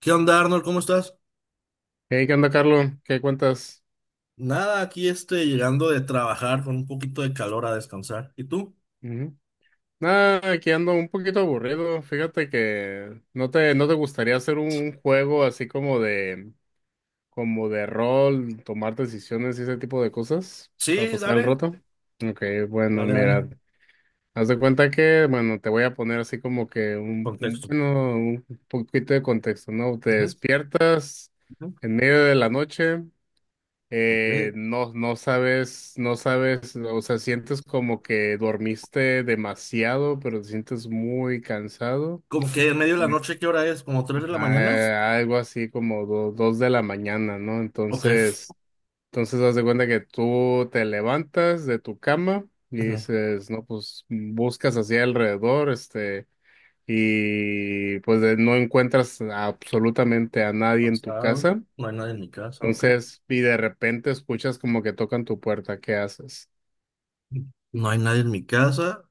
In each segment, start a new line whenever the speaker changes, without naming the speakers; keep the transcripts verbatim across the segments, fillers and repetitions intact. ¿Qué onda, Arnold? ¿Cómo estás?
Hey, ¿qué onda, Carlos? ¿Qué cuentas?
Nada, aquí este, llegando de trabajar con un poquito de calor a descansar. ¿Y tú?
Ujú. Nada, aquí ando un poquito aburrido. Fíjate que no te, no te gustaría hacer un juego así como de, como de rol, tomar decisiones y ese tipo de cosas para
Sí,
pasar el
dale,
rato. Ok, bueno,
dale, dale.
mira, haz de cuenta que, bueno, te voy a poner así como que un, un-
Contexto.
bueno, un poquito de contexto, ¿no? Te
Ujú,
despiertas
ujú.
en medio de la noche.
Ok.
Eh, no, no sabes, no sabes, o sea, sientes como que dormiste demasiado, pero te sientes muy cansado.
¿Como que en medio de la
Me-
noche qué hora es? ¿Como tres de la
Ajá,
mañana?
eh, algo así como do- dos de la mañana, ¿no?
Ok.
Entonces, entonces haz de cuenta que tú te levantas de tu cama y
Ujú.
dices, no, pues buscas hacia alrededor, este, y pues de- no encuentras absolutamente a nadie en tu
Cansado.
casa.
No hay nadie en mi casa, ok.
Entonces, y de repente escuchas como que tocan tu puerta, ¿qué haces?
No hay nadie en mi casa.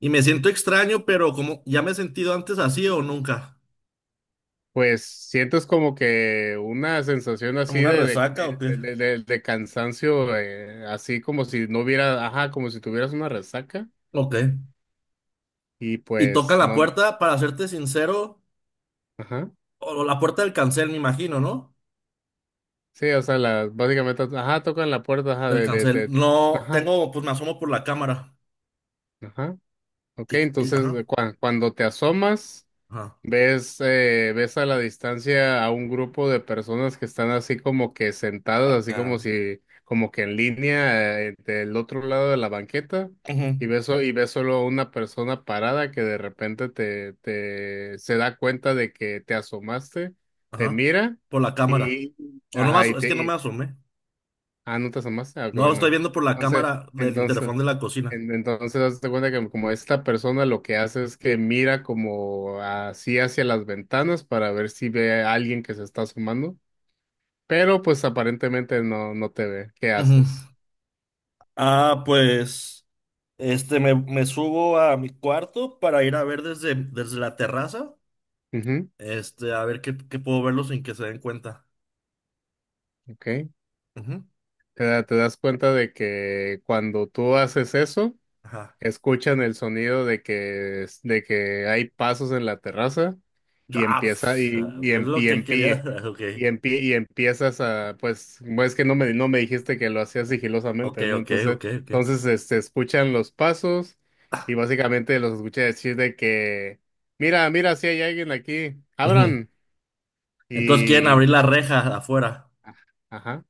Y me siento extraño, pero como ya me he sentido antes así o nunca.
Pues sientes como que una sensación así
¿Como una
de, de,
resaca o qué?
de, de- de- de cansancio, eh, así como si no hubiera, ajá, como si tuvieras una resaca
Ok.
y
Y toca
pues
la
no,
puerta, para serte sincero,
ajá,
o la puerta del cancel, me imagino, ¿no?
sí, o sea, la, básicamente, ajá, tocan la puerta, ajá,
Del
de, de,
cancel.
de-
No,
ajá,
tengo, pues me asomo por la cámara.
ajá, ok,
Tic, y- ajá,
entonces cua- cuando te asomas.
ajá.
Ves, eh, ves a la distancia a un grupo de personas que están así como que sentadas, así como
Acá.
si, como que en línea, eh, del otro lado de la banqueta,
Ujú.
y ves, so- y ves solo a una persona parada que de repente te, te se da cuenta de que te asomaste, te
Ajá.
mira,
Por la cámara.
y
O no me
ajá, y
aso- es
te
que no me
y-
asomé.
ah, no te asomaste, ah, qué
No, lo estoy
bueno.
viendo por la
Entonces,
cámara del
entonces,
interfón de la cocina.
en- Entonces, hazte cuenta que como esta persona lo que hace es que mira como así hacia las ventanas para ver si ve a alguien que se está asomando, pero pues aparentemente no, no te ve. ¿Qué
Ujú.
haces?
Ah, pues, este, me, me subo a mi cuarto para ir a ver desde, desde, la terraza,
Ujú,
este, a ver qué, qué puedo verlo sin que se den cuenta.
ok.
Ujú.
Te, da- te das cuenta de que cuando tú haces eso,
Ajá.
escuchan el sonido de que, es- de que hay pasos en la terraza y
Ah,
empieza
pf,
y,
a
y,
ver
en,
lo
y,
que
en
quería.
pie-
Ok,
y, en pie- y empiezas a, pues, bueno, es que no me, no me dijiste que lo hacías
ok,
sigilosamente, ¿no?
ok,
Entonces,
ok,
entonces este, escuchan los pasos y básicamente los escuché decir de que, mira, mira, si hay alguien aquí,
ok.
abran
Entonces quieren abrir
y,
la reja de afuera.
ajá.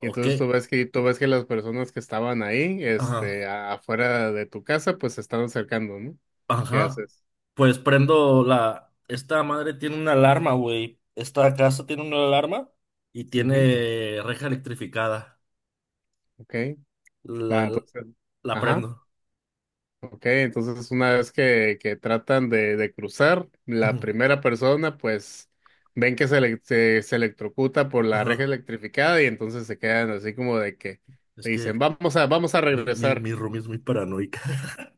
Y
qué?
entonces tú ves que, tú ves que las personas que estaban ahí,
Ajá.
este, a- afuera de tu casa, pues se están acercando, ¿no? ¿Qué
Ajá.
haces?
Pues prendo la... Esta madre tiene una alarma, güey. Esta casa tiene una alarma y
Ujú,
tiene reja electrificada.
ok.
La,
Bueno, entonces,
la
ajá,
prendo.
ok. Entonces, una vez que, que tratan de, de cruzar, la
Ujú.
primera persona, pues, ven que se, ele- se, se electrocuta por la reja
Ajá.
electrificada y entonces se quedan así como de que
Es
te
que
dicen, vamos a, vamos a
mi, mi,
regresar.
mi roomie es muy paranoica.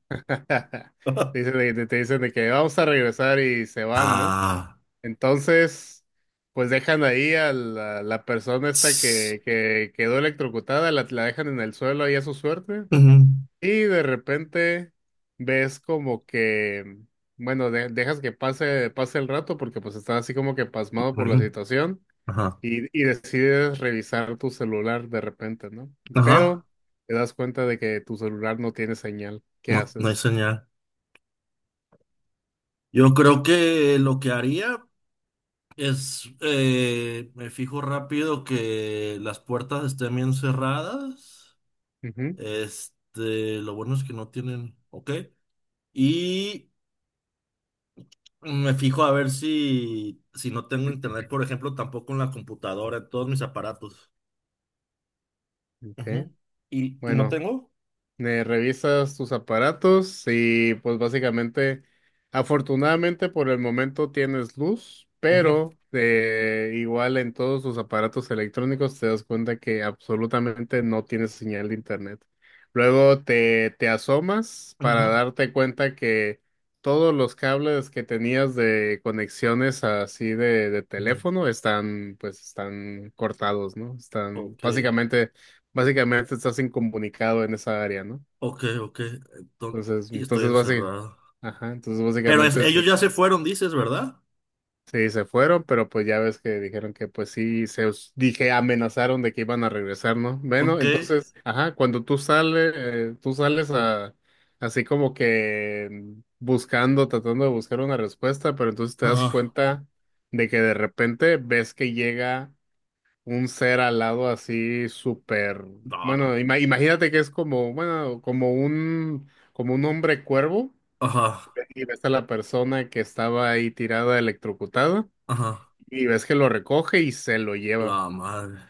Te dicen, de- te dicen de que vamos a regresar y se van, ¿no?
Ah.
Entonces, pues dejan ahí a la, la persona esta
Tss.
que, que quedó electrocutada, la, la dejan en el suelo ahí a su suerte.
Ujú.
Y de repente ves como que, bueno, de- dejas que pase, pase el rato porque pues estás así como que pasmado por la
Ujú.
situación
Ajá.
y, y decides revisar tu celular de repente, ¿no? Pero
Ajá.
te das cuenta de que tu celular no tiene señal. ¿Qué
No, no hay
haces?
señal. Yo creo que lo que haría... Es, eh, me fijo rápido que las puertas estén bien cerradas.
Ujú,
Este, lo bueno es que no tienen, ok. Y me fijo a ver si, si no tengo internet, por ejemplo, tampoco en la computadora, en todos mis aparatos.
ok.
Ujú. ¿Y, y no
Bueno,
tengo?
eh, revisas tus aparatos y pues básicamente, afortunadamente por el momento tienes luz,
Ujú,
pero eh, igual en todos tus aparatos electrónicos te das cuenta que absolutamente no tienes señal de internet. Luego te, te asomas para
ujú,
darte cuenta que todos los cables que tenías de conexiones así de, de
ujú.
teléfono están, pues están cortados, ¿no? Están
Ok,
básicamente. Básicamente estás incomunicado en esa área, ¿no?
ok, ok. Enton-
Entonces,
y estoy
entonces básicamente,
encerrado.
ajá, entonces
Pero es-
básicamente sí,
ellos ya se fueron, dices, ¿verdad?
sí se fueron, pero pues ya ves que dijeron que pues sí, se os- dije, amenazaron de que iban a regresar, ¿no? Bueno,
Ok.
entonces, ajá, cuando tú sales, eh, tú sales a, así como que mm, buscando, tratando de buscar una respuesta, pero entonces te das
Ajá.
cuenta de que de repente ves que llega un ser alado así súper,
No, no.
bueno, ima- imagínate que es como, bueno, como un, como un hombre cuervo
Ajá,
y ves a la persona que estaba ahí tirada electrocutada
ajá.
y ves que lo recoge y se lo lleva.
La madre.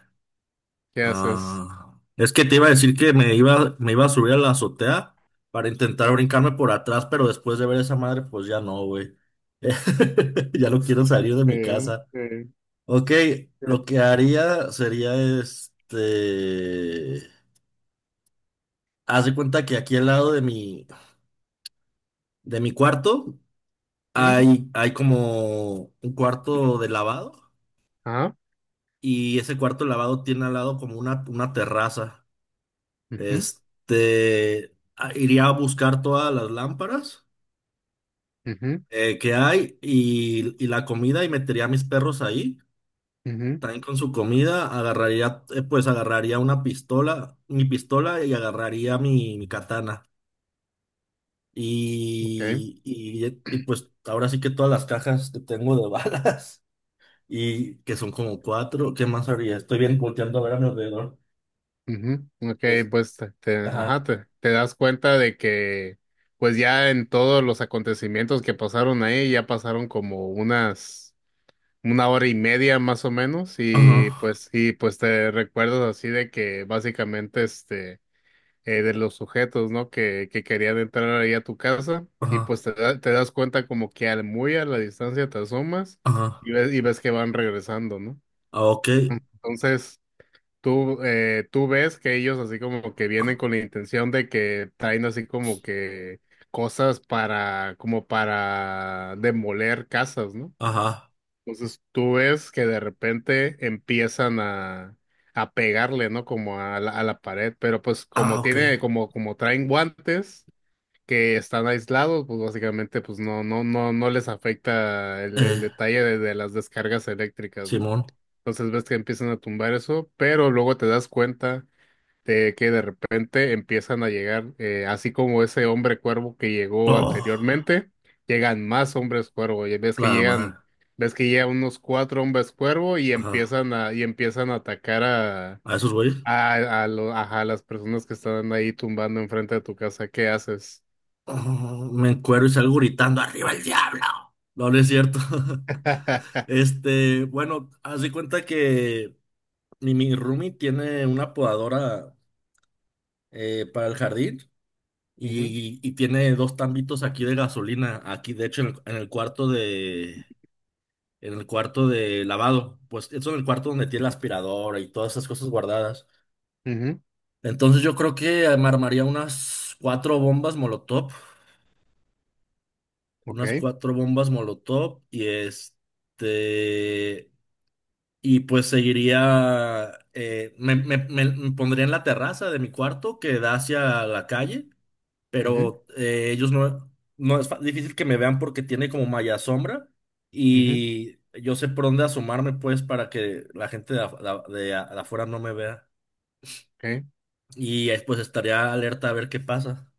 ¿Qué haces?
Ah, es que te iba a decir que me iba, me iba a subir a la azotea para intentar brincarme por atrás, pero después de ver esa madre, pues ya no, güey. Ya no quiero salir de mi
Eh,
casa.
eh,
Ok, lo que haría sería este. Haz de cuenta que aquí al lado de mi, de mi cuarto
eh,
hay, hay como un cuarto de lavado
Ajá.
y ese cuarto de lavado tiene al lado como una, una terraza.
Ujú,
Este, a- iría a buscar todas las lámparas
ujú,
eh, que hay y, y la comida y metería a mis perros ahí.
ujú,
También con su comida agarraría, eh, pues agarraría una pistola, mi pistola y agarraría mi, mi katana.
ok,
Y, y, eh, y, pues ahora sí que todas las cajas que tengo de balas y que son como cuatro, ¿qué más haría? Estoy bien volteando a ver a mi alrededor.
ujú, ok,
Es-
pues te, te- ajá,
Ajá,
te, te das cuenta de que pues ya en todos los acontecimientos que pasaron ahí ya pasaron como unas una hora y media más o menos y
ajá,
pues y pues te recuerdas así de que básicamente este eh, de los sujetos, ¿no? Que, que querían entrar ahí a tu casa y
ajá,
pues te, da- te das cuenta como que al muy a la distancia te asomas
ajá.
y ves, y ves que van regresando, ¿no?
Ah, ok,
Entonces tú, eh, tú ves que ellos así como que vienen con la intención de que traen así como que cosas para, como para demoler casas, ¿no?
ajá.
Entonces tú ves que de repente empiezan a, a pegarle, ¿no? Como a la, a la pared, pero pues
Ah,
como
ok.
tiene, como, como traen guantes que están aislados, pues básicamente pues no, no, no, no les afecta el,
Eh,
el detalle de, de las descargas eléctricas, ¿no?
Simón.
Entonces ves que empiezan a tumbar eso, pero luego te das cuenta de que de repente empiezan a llegar, eh, así como ese hombre cuervo que llegó
Oh,
anteriormente, llegan más hombres cuervo, y ves que
la
llegan,
madre.
ves que llegan unos cuatro hombres cuervo y
Ajá.
empiezan a, y empiezan a atacar a,
A esos güeyes.
a, a lo- ajá, a las personas que están ahí tumbando enfrente de tu casa, ¿qué haces?
Oh, me encuero y salgo gritando, ¡arriba el diablo! No, no es cierto. Este, bueno, haz de cuenta que mi, mi roomie tiene una podadora eh, para el jardín
Ujú,
y, y tiene dos tambitos aquí de gasolina. Aquí, de hecho, en el, en el cuarto de... En el cuarto de lavado, pues eso en el cuarto donde tiene la aspiradora y todas esas cosas guardadas.
ujú,
Entonces yo creo que armaría unas cuatro bombas Molotov,
ok,
unas cuatro bombas Molotov y este, y pues seguiría, eh, me, me- me- me pondría en la terraza de mi cuarto que da hacia la calle,
ujú,
pero eh, ellos no, no es fa- difícil que me vean porque tiene como malla sombra
ujú,
y yo sé por dónde asomarme pues para que la gente de, af- de a- de a- de afuera no me vea
ok.
y eh, pues estaría alerta a ver qué pasa.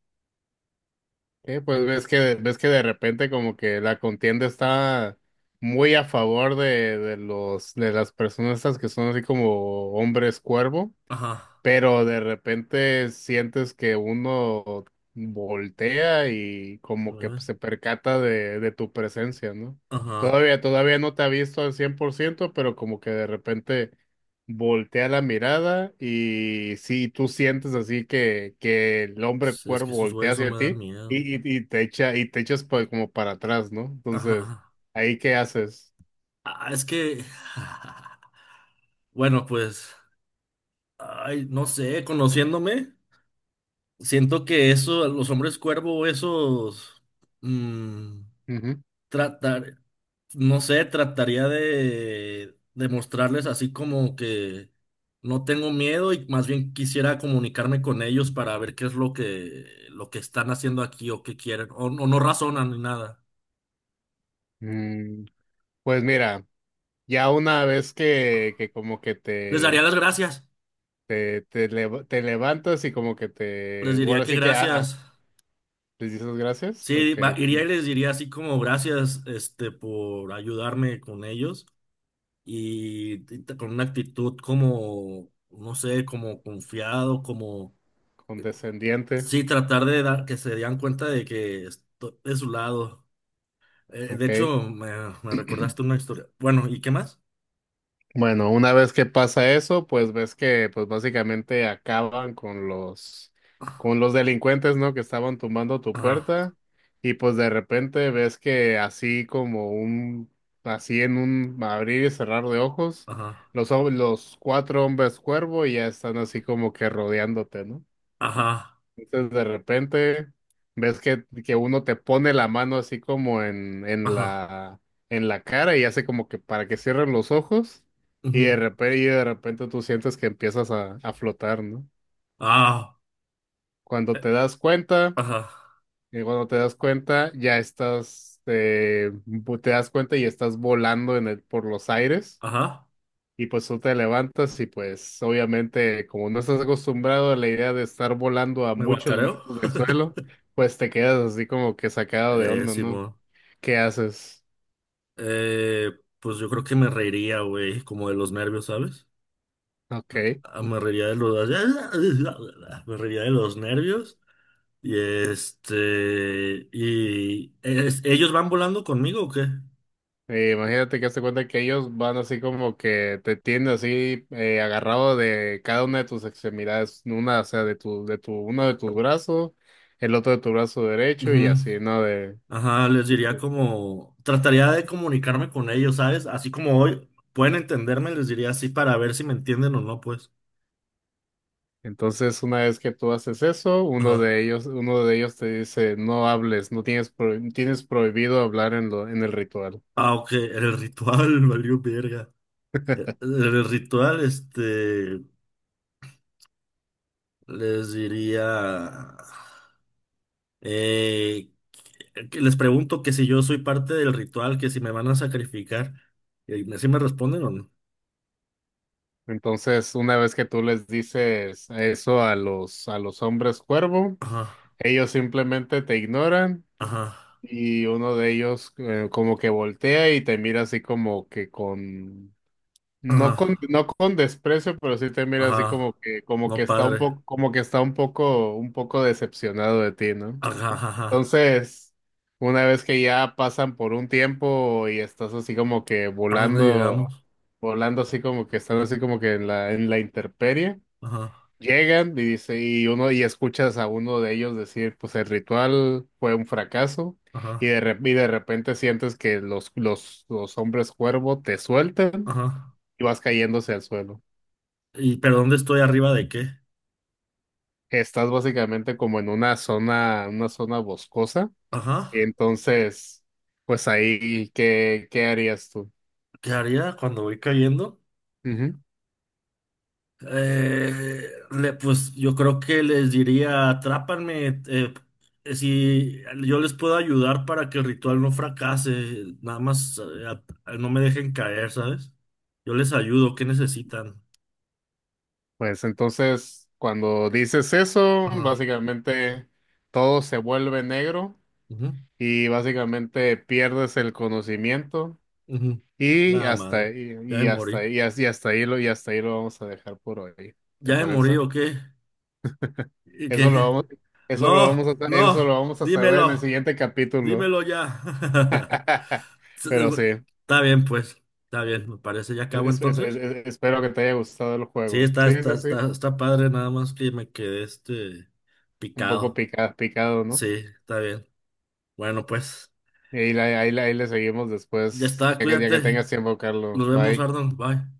Eh, pues ves que, ves que de repente como que la contienda está muy a favor de, de los, de las personas estas que son así como hombres cuervo,
Ajá.
pero de repente sientes que uno voltea y como que se percata de, de tu presencia, ¿no?
Ajá.
Todavía, todavía no te ha visto al cien por ciento, pero como que de repente voltea la mirada y sí, tú sientes así que, que el hombre
Sí, es que
cuervo
esos
voltea
güeyes no
hacia
me dan
ti
miedo.
y, y, y te echa, y te echas pues como para atrás, ¿no? Entonces,
Ajá.
¿ahí qué haces?
Ah, es que. Bueno, pues. Ay, no sé, conociéndome, siento que eso, los hombres cuervo, esos. mm,
Ujú.
tratar. No sé, trataría de. de mostrarles así como que. No tengo miedo y más bien quisiera comunicarme con ellos para ver qué es lo que. lo que están haciendo aquí o qué quieren. O, o no razonan ni nada.
Mm, pues mira, ya una vez que, que como que
Les daría
te,
las gracias.
Te, te, lev- te levantas y como que
Les
te.
diría
Bueno,
que
sí que. Ah, ah,
gracias.
¿les dices gracias?
Sí,
Ok,
va- iría y les diría así como gracias, este, por ayudarme con ellos y, y t- con una actitud como, no sé, como confiado, como,
condescendiente.
sí, tratar de dar, que se dieran cuenta de que estoy de su lado. Eh, de
Ok.
hecho, me, me recordaste una historia. Bueno, ¿y qué más?
Bueno, una vez que pasa eso, pues ves que pues básicamente acaban con los.
Ajá,
Con los delincuentes, ¿no? Que estaban tumbando tu puerta y pues de repente ves que así como un. Así en un abrir y cerrar de ojos,
ajá,
los, hom- los cuatro hombres cuervo ya están así como que rodeándote, ¿no?
ajá,
Entonces de repente ves que, que uno te pone la mano así como en, en
ajá,
la, en la cara y hace como que para que cierren los ojos y
ujú,
de repente, y de repente tú sientes que empiezas a, a flotar, ¿no?
ah,
Cuando
eh,
te das cuenta,
ajá,
y cuando te das cuenta ya estás, eh, vo- te das cuenta y estás volando en el, por los aires.
ajá,
Y pues tú te levantas y pues obviamente como no estás acostumbrado a la idea de estar volando a
me
muchos
guacareo.
metros del suelo, pues te quedas así como que sacado de
Eh,
onda, ¿no?
Simón.
¿Qué haces?
Eh, pues yo creo que me reiría, güey, como de los nervios, ¿sabes?
Ok.
Ah, me reiría de los... Me reiría de los nervios. Y este... Y... es- ¿Ellos van volando conmigo o qué?
Eh, imagínate que hazte cuenta que ellos van así como que te tienen así eh, agarrado de cada una de tus extremidades, una, o sea, de tu, de tu, uno de tus brazos, el otro de tu brazo derecho y
Ujú.
así, ¿no? De.
Ajá, les diría como... Trataría de comunicarme con ellos, ¿sabes? Así como hoy pueden entenderme, les diría así para ver si me entienden o no, pues.
Entonces, una vez que tú haces eso, uno
Ajá.
de ellos, uno de ellos te dice, no hables, no tienes, pro- tienes prohibido hablar en lo, en el ritual.
Ah, ok, el ritual, valió verga. El el ritual, este... Les diría. Eh, que les pregunto que si yo soy parte del ritual, que si me van a sacrificar. ¿Y así me responden o no?
Entonces, una vez que tú les dices eso a los, a los hombres cuervo,
Ajá,
ellos simplemente te ignoran
ajá,
y uno de ellos eh, como que voltea y te mira así como que con,
ajá,
no con, no con desprecio, pero sí te mira así como
ajá.
que, como que
No,
está un
padre.
poco, como que está un poco, un poco decepcionado de ti, ¿no?
Ajá, ajá, ajá.
Entonces, una vez que ya pasan por un tiempo y estás así como que
¿A dónde llegamos?
volando, volando así como que están así como que en la, en la intemperie,
Ajá,
llegan y dice, y uno, y escuchas a uno de ellos decir, pues el ritual fue un fracaso, y
ajá,
de, rep- y de repente sientes que los, los, los hombres cuervo te sueltan
ajá.
y vas cayéndose al suelo.
¿Y pero dónde estoy arriba de qué?
Estás básicamente como en una zona, una zona boscosa.
Ajá.
Entonces, pues ahí, ¿qué, qué harías tú?
¿Qué haría cuando voy cayendo?
Ujú.
Eh, le- pues yo creo que les diría, atrápanme, eh, eh, si yo les puedo ayudar para que el ritual no fracase, nada más eh, a- a- no me dejen caer, ¿sabes? Yo les ayudo, ¿qué necesitan?
Pues entonces, cuando dices eso,
Ajá.
básicamente todo se vuelve negro
Ujú,
y básicamente pierdes el conocimiento
ujú.
y
La
hasta
madre,
ahí-
ya me
y, hasta
morí.
ahí- y, as- y hasta ahí lo y hasta ahí lo vamos a dejar por hoy. ¿Te
¿Ya me morí
parece?
o qué? ¿Y qué?
Eso lo vamos, eso lo vamos
No,
a, eso lo
no,
vamos a saber en el
dímelo,
siguiente capítulo.
dímelo ya.
Pero sí,
Está bien, pues, está bien, me parece, ya acabo
es- es- es-
entonces.
es- espero que te haya gustado el
Sí,
juego.
está,
Sí,
está,
sí, sí.
está, está padre, nada más que me quedé este
Un poco
picado.
picado, picado,
Sí,
¿no?
está bien. Bueno, pues,
Y ahí, la- ahí, la- ahí le seguimos
ya
después,
está,
ya que, ya que
cuídate.
tengas tiempo, Carlos.
Nos vemos,
Bye.
Arnold. Bye.